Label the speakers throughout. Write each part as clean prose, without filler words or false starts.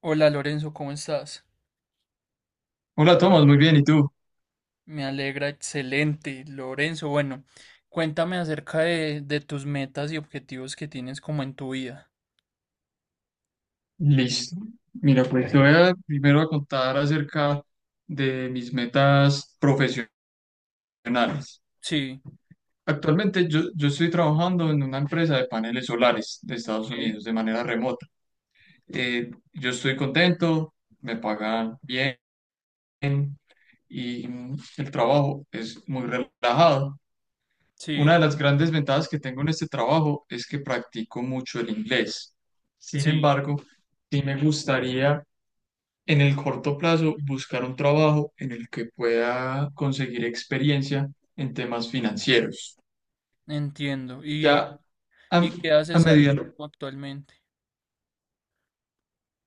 Speaker 1: Hola Lorenzo, ¿cómo estás?
Speaker 2: Hola Tomás, muy bien, ¿y tú?
Speaker 1: Me alegra, excelente. Lorenzo, bueno, cuéntame acerca de tus metas y objetivos que tienes como en tu vida.
Speaker 2: Listo. Mira, pues te voy a primero a contar acerca de mis metas profesionales.
Speaker 1: Sí,
Speaker 2: Actualmente yo estoy trabajando en una empresa de paneles solares de Estados
Speaker 1: sí,
Speaker 2: Unidos de manera remota. Yo estoy contento, me pagan bien y el trabajo es muy relajado. Una
Speaker 1: sí,
Speaker 2: de las grandes ventajas que tengo en este trabajo es que practico mucho el inglés. Sin
Speaker 1: sí,
Speaker 2: embargo, sí me gustaría en el corto plazo buscar un trabajo en el que pueda conseguir experiencia en temas financieros.
Speaker 1: entiendo. ¿Y,
Speaker 2: Ya a,
Speaker 1: y qué
Speaker 2: a
Speaker 1: haces ahí
Speaker 2: medida,
Speaker 1: actualmente?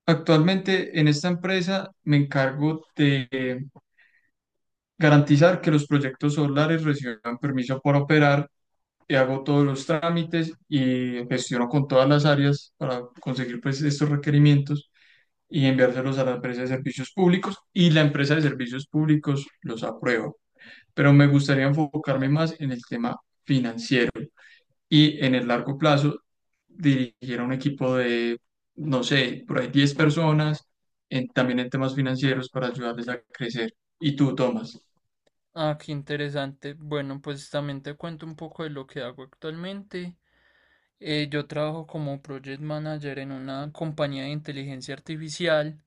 Speaker 2: actualmente en esta empresa me encargo de garantizar que los proyectos solares reciban permiso para operar. Y hago todos los trámites y gestiono con todas las áreas para conseguir pues estos requerimientos y enviárselos a la empresa de servicios públicos, y la empresa de servicios públicos los aprueba. Pero me gustaría
Speaker 1: Ah,
Speaker 2: enfocarme más en el tema financiero y en el largo plazo dirigir a un equipo de, no sé, por ahí 10 personas, también en temas financieros para ayudarles a crecer. ¿Y tú, Tomás?
Speaker 1: ah, qué interesante. Bueno, pues también te cuento un poco de lo que hago actualmente. Yo trabajo como project manager en una compañía de inteligencia artificial.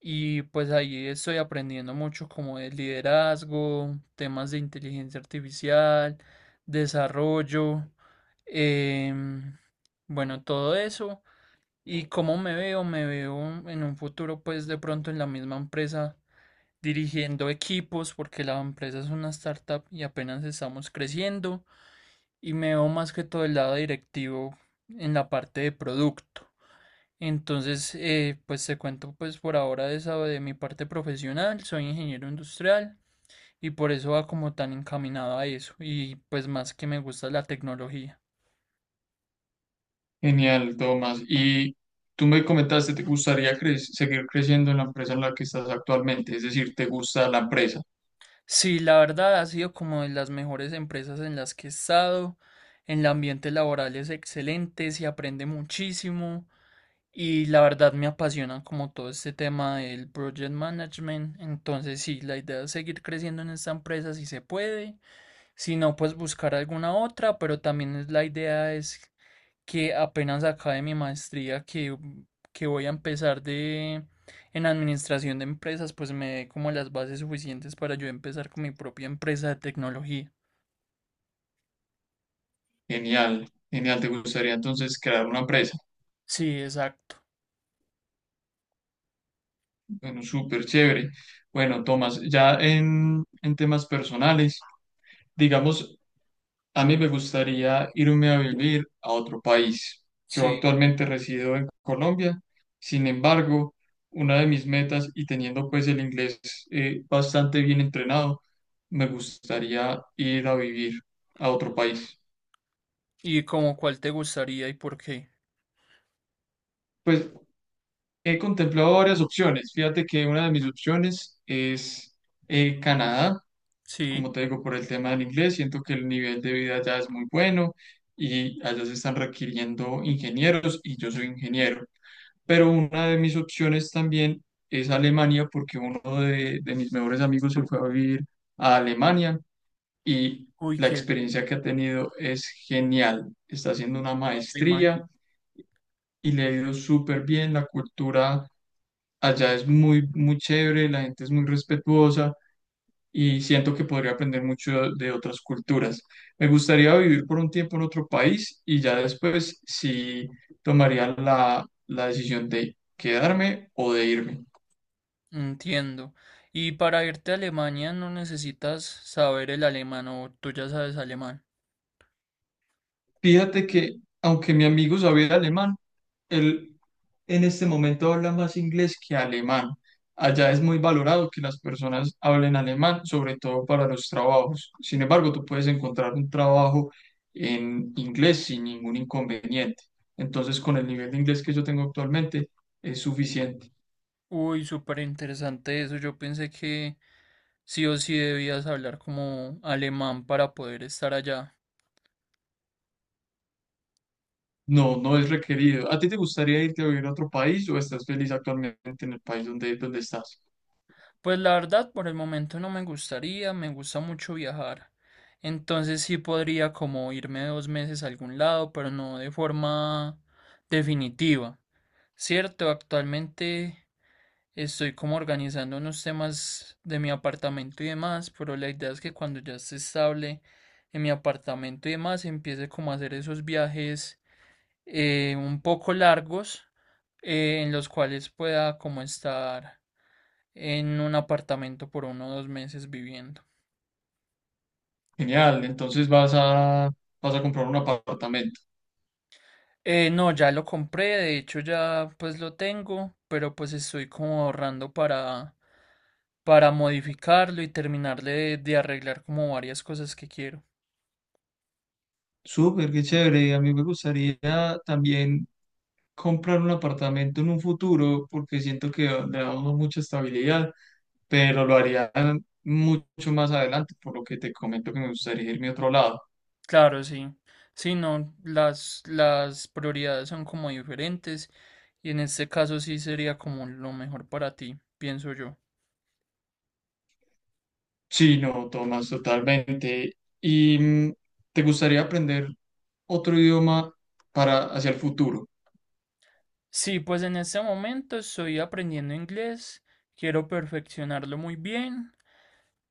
Speaker 1: Y pues ahí estoy aprendiendo mucho como de liderazgo, temas de inteligencia artificial, desarrollo, em, bueno, todo eso. Y cómo me veo en un futuro pues de pronto en la misma empresa dirigiendo equipos porque la empresa es una startup y apenas estamos creciendo. Y me veo más que todo el lado directivo en la parte de producto. Entonces, pues te cuento pues por ahora de esa de mi parte profesional, soy ingeniero industrial y por eso va como tan encaminado a eso y pues más que me gusta la tecnología.
Speaker 2: Genial, Tomás. Y tú me comentaste, ¿te gustaría seguir creciendo en la empresa en la que estás actualmente? Es decir, ¿te gusta la empresa?
Speaker 1: Sí, la verdad ha sido como de las mejores empresas en las que he estado, el ambiente laboral es excelente, se aprende muchísimo y la verdad me apasiona como todo este tema del project management, entonces sí, la idea es seguir creciendo en esta empresa si se puede. Si no, pues buscar alguna otra, pero también la idea es que apenas acabe mi maestría que voy a empezar de en administración de empresas, pues me dé como las bases suficientes para yo empezar con mi propia empresa de tecnología.
Speaker 2: Genial, genial. ¿Te gustaría entonces crear una empresa?
Speaker 1: Sí, exacto.
Speaker 2: Bueno, súper chévere. Bueno, Tomás, ya en temas personales. Digamos, a mí me gustaría irme a vivir a otro país. Yo
Speaker 1: Sí.
Speaker 2: actualmente resido en Colombia, sin embargo, una de mis metas y teniendo pues el inglés bastante bien entrenado, me gustaría ir a vivir a otro país.
Speaker 1: ¿Y como cuál te gustaría y por qué?
Speaker 2: Pues he contemplado varias opciones. Fíjate que una de mis opciones es, Canadá.
Speaker 1: Sí.
Speaker 2: Como te digo, por el tema del inglés, siento que el nivel de vida allá es muy bueno y allá se están requiriendo ingenieros y yo soy ingeniero. Pero una de mis opciones también es Alemania porque uno de mis mejores amigos se fue a vivir a Alemania, y
Speaker 1: Uy,
Speaker 2: la
Speaker 1: qué bien.
Speaker 2: experiencia que ha tenido es genial. Está haciendo una
Speaker 1: No me imagino.
Speaker 2: maestría y le ha ido súper bien. La cultura allá es muy, muy chévere, la gente es muy respetuosa y siento que podría aprender mucho de otras culturas. Me gustaría vivir por un tiempo en otro país y ya después sí tomaría la decisión de quedarme o de irme.
Speaker 1: Entiendo. Y para irte a Alemania no necesitas saber el alemán o tú ya sabes alemán.
Speaker 2: Fíjate que aunque mi amigo sabía alemán, él en este momento habla más inglés que alemán. Allá es muy valorado que las personas hablen alemán, sobre todo para los trabajos. Sin embargo, tú puedes encontrar un trabajo en inglés sin ningún inconveniente. Entonces, con el nivel de inglés que yo tengo actualmente, es suficiente.
Speaker 1: Uy, súper interesante eso. Yo pensé que sí o sí debías hablar como alemán para poder estar allá.
Speaker 2: No, no es requerido. ¿A ti te gustaría irte a vivir a otro país o estás feliz actualmente en el país donde estás?
Speaker 1: Pues la verdad, por el momento no me gustaría, me gusta mucho viajar. Entonces sí podría como irme 2 meses a algún lado, pero no de forma definitiva. Cierto, actualmente estoy como organizando unos temas de mi apartamento y demás, pero la idea es que cuando ya esté estable en mi apartamento y demás, empiece como a hacer esos viajes un poco largos en los cuales pueda como estar en un apartamento por 1 o 2 meses viviendo.
Speaker 2: Genial, entonces vas a comprar un apartamento.
Speaker 1: No, ya lo compré, de hecho ya pues lo tengo, pero pues estoy como ahorrando para modificarlo y terminarle de arreglar como varias cosas que quiero.
Speaker 2: Súper, qué chévere. A mí me gustaría también comprar un apartamento en un futuro porque siento que le da a uno mucha estabilidad, pero lo haría mucho más adelante, por lo que te comento que me gustaría irme a otro lado.
Speaker 1: Claro, sí. Sí, no, las prioridades son como diferentes y en este caso sí sería como lo mejor para ti, pienso yo.
Speaker 2: Sí, no, Tomás, totalmente. ¿Y te gustaría aprender otro idioma para hacia el futuro?
Speaker 1: Sí, pues en este momento estoy aprendiendo inglés, quiero perfeccionarlo muy bien.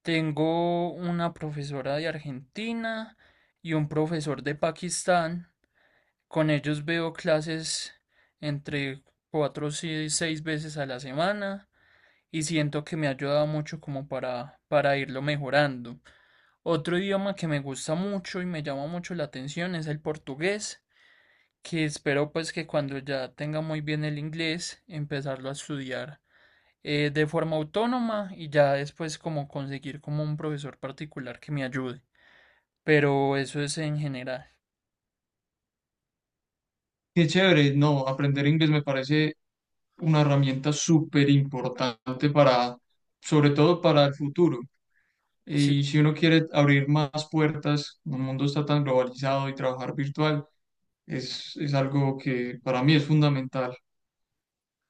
Speaker 1: Tengo una profesora de Argentina y un profesor de Pakistán. Con ellos veo clases entre 4 y 6 veces a la semana y siento que me ha ayudado mucho como para, irlo mejorando. Otro idioma que me gusta mucho y me llama mucho la atención es el portugués que espero pues que cuando ya tenga muy bien el inglés, empezarlo a estudiar de forma autónoma y ya después como conseguir como un profesor particular que me ayude. Pero eso es en general.
Speaker 2: Qué chévere, no, aprender inglés me parece una herramienta súper importante para, sobre todo para el futuro.
Speaker 1: Sí,
Speaker 2: Y si uno quiere abrir más puertas, el mundo está tan globalizado, y trabajar virtual es algo que para mí es fundamental.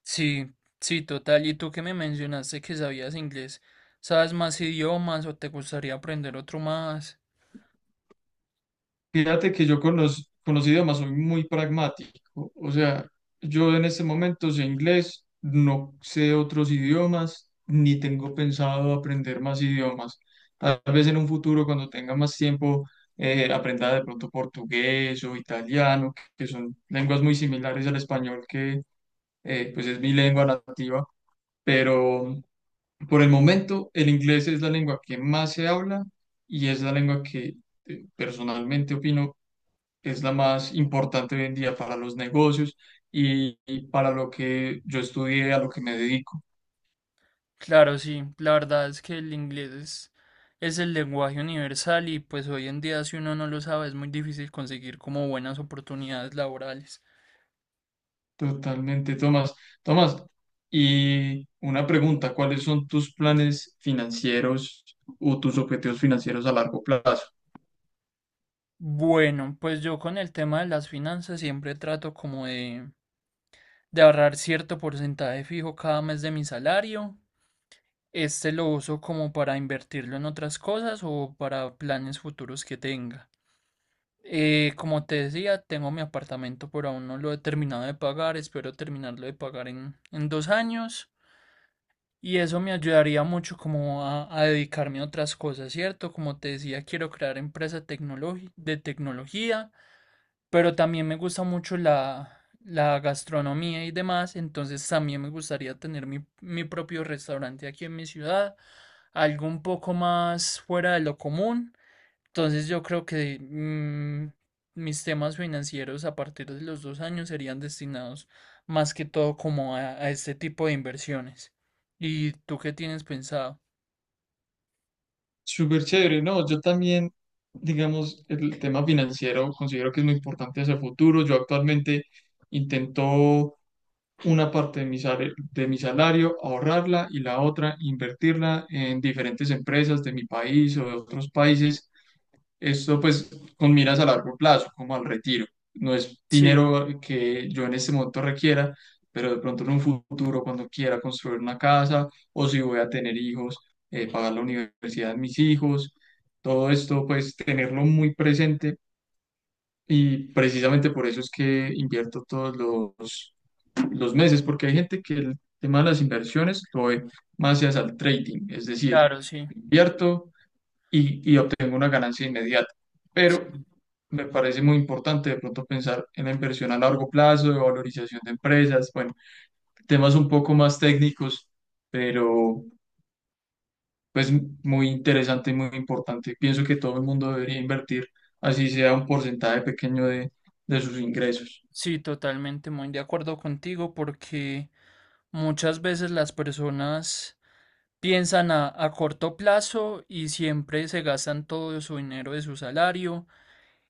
Speaker 1: sí, sí, total. Y tú que me mencionaste que sabías inglés, ¿sabes más idiomas o te gustaría aprender otro más?
Speaker 2: Fíjate que yo con los idiomas soy muy pragmático. O sea, yo en este momento sé inglés, no sé otros idiomas, ni tengo pensado aprender más idiomas. Tal vez en un futuro, cuando tenga más tiempo, aprenda de pronto portugués o italiano, que son lenguas muy similares al español, que, pues es mi lengua nativa. Pero por el momento, el inglés es la lengua que más se habla y es la lengua que, personalmente opino, es la más importante hoy en día para los negocios y para lo que yo estudié, a lo que me dedico.
Speaker 1: Claro, sí, la verdad es que el inglés es el lenguaje universal y pues hoy en día si uno no lo sabe es muy difícil conseguir como buenas oportunidades laborales.
Speaker 2: Totalmente, Tomás. Tomás, y una pregunta, ¿cuáles son tus planes financieros o tus objetivos financieros a largo plazo?
Speaker 1: Bueno, pues yo con el tema de las finanzas siempre trato como de, ahorrar cierto porcentaje fijo cada mes de mi salario. Este lo uso como para invertirlo en otras cosas o para planes futuros que tenga. Como te decía, tengo mi apartamento, pero aún no lo he terminado de pagar. Espero terminarlo de pagar en 2 años. Y eso me ayudaría mucho como a, dedicarme a otras cosas, ¿cierto? Como te decía, quiero crear empresa de tecnología. Pero también me gusta mucho la gastronomía y demás, entonces también me gustaría tener mi propio restaurante aquí en mi ciudad, algo un poco más fuera de lo común. Entonces yo creo que mis temas financieros a partir de los 2 años serían destinados más que todo como a, este tipo de inversiones. ¿Y tú qué tienes pensado?
Speaker 2: Súper chévere, ¿no? Yo también, digamos, el tema financiero considero que es muy importante hacia el futuro. Yo actualmente intento una parte de de mi salario, ahorrarla y la otra invertirla en diferentes empresas de mi país o de otros países. Esto pues con miras a largo plazo, como al retiro. No es
Speaker 1: Sí,
Speaker 2: dinero que yo en este momento requiera, pero de pronto en un futuro, cuando quiera construir una casa o si voy a tener hijos, pagar la universidad de mis hijos, todo esto pues tenerlo muy presente, y precisamente por eso es que invierto todos los los meses, porque hay gente que el tema de las inversiones lo ve más hacia el trading, es decir,
Speaker 1: claro, sí.
Speaker 2: invierto y obtengo una ganancia inmediata. Pero
Speaker 1: Sí,
Speaker 2: me parece muy importante de pronto pensar en la inversión a largo plazo, de valorización de empresas, bueno, temas un poco más técnicos, pero pues muy interesante y muy importante. Pienso que todo el mundo debería invertir, así sea un porcentaje pequeño de sus ingresos.
Speaker 1: sí, totalmente muy de acuerdo contigo porque... Muchas veces las personas piensan a corto plazo y siempre se gastan todo su dinero de su salario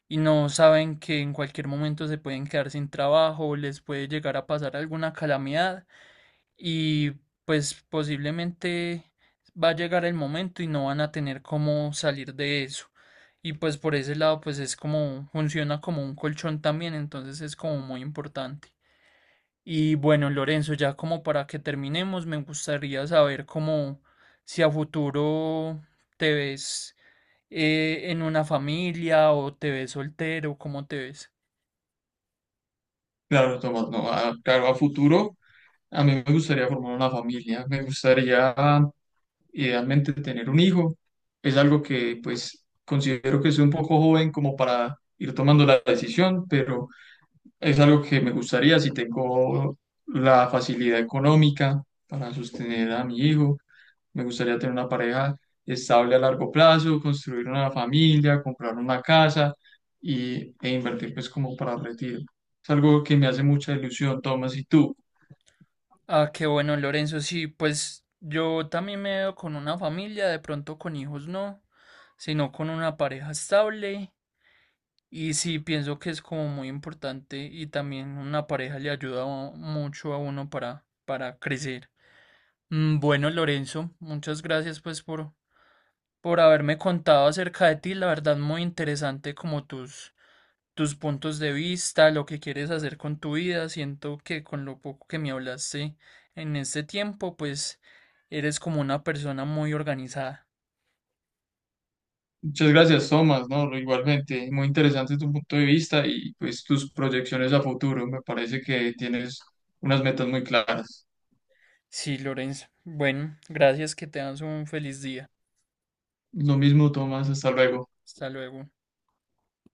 Speaker 1: y no saben que en cualquier momento se pueden quedar sin trabajo, les puede llegar a pasar alguna calamidad y pues posiblemente va a llegar el momento y no van a tener cómo salir de eso. Y pues por ese lado pues es como funciona como un colchón también, entonces es como muy importante. Y bueno, Lorenzo, ya como para que terminemos, me gustaría saber cómo si a futuro te ves en una familia o te ves soltero, cómo te ves.
Speaker 2: Claro, Tomás, no, claro, a futuro a mí me gustaría formar una familia, me gustaría idealmente tener un hijo. Es algo que pues considero que soy un poco joven como para ir tomando la decisión, pero es algo que me gustaría si tengo la facilidad económica para sostener a mi hijo. Me gustaría tener una pareja estable a largo plazo, construir una familia, comprar una casa y, e invertir pues como para el retiro. Es algo que me hace mucha ilusión, Tomás, ¿y tú?
Speaker 1: Ah, qué bueno, Lorenzo, sí, pues yo también me veo con una familia, de pronto con hijos no, sino con una pareja estable. Y sí, pienso que es como muy importante y también una pareja le ayuda mucho a uno para crecer. Bueno, Lorenzo, muchas gracias pues por, haberme contado acerca de ti. La verdad, muy interesante como tus puntos de vista, lo que quieres hacer con tu vida. Siento que con lo poco que me hablaste en este tiempo, pues eres como una persona muy organizada.
Speaker 2: Muchas gracias, Tomás, ¿no? Igualmente, muy interesante tu punto de vista y pues tus proyecciones a futuro. Me parece que tienes unas metas muy claras.
Speaker 1: Sí, Lorenzo. Bueno, gracias, que te tengas un feliz día.
Speaker 2: Lo mismo, Tomás, hasta luego.
Speaker 1: Hasta luego.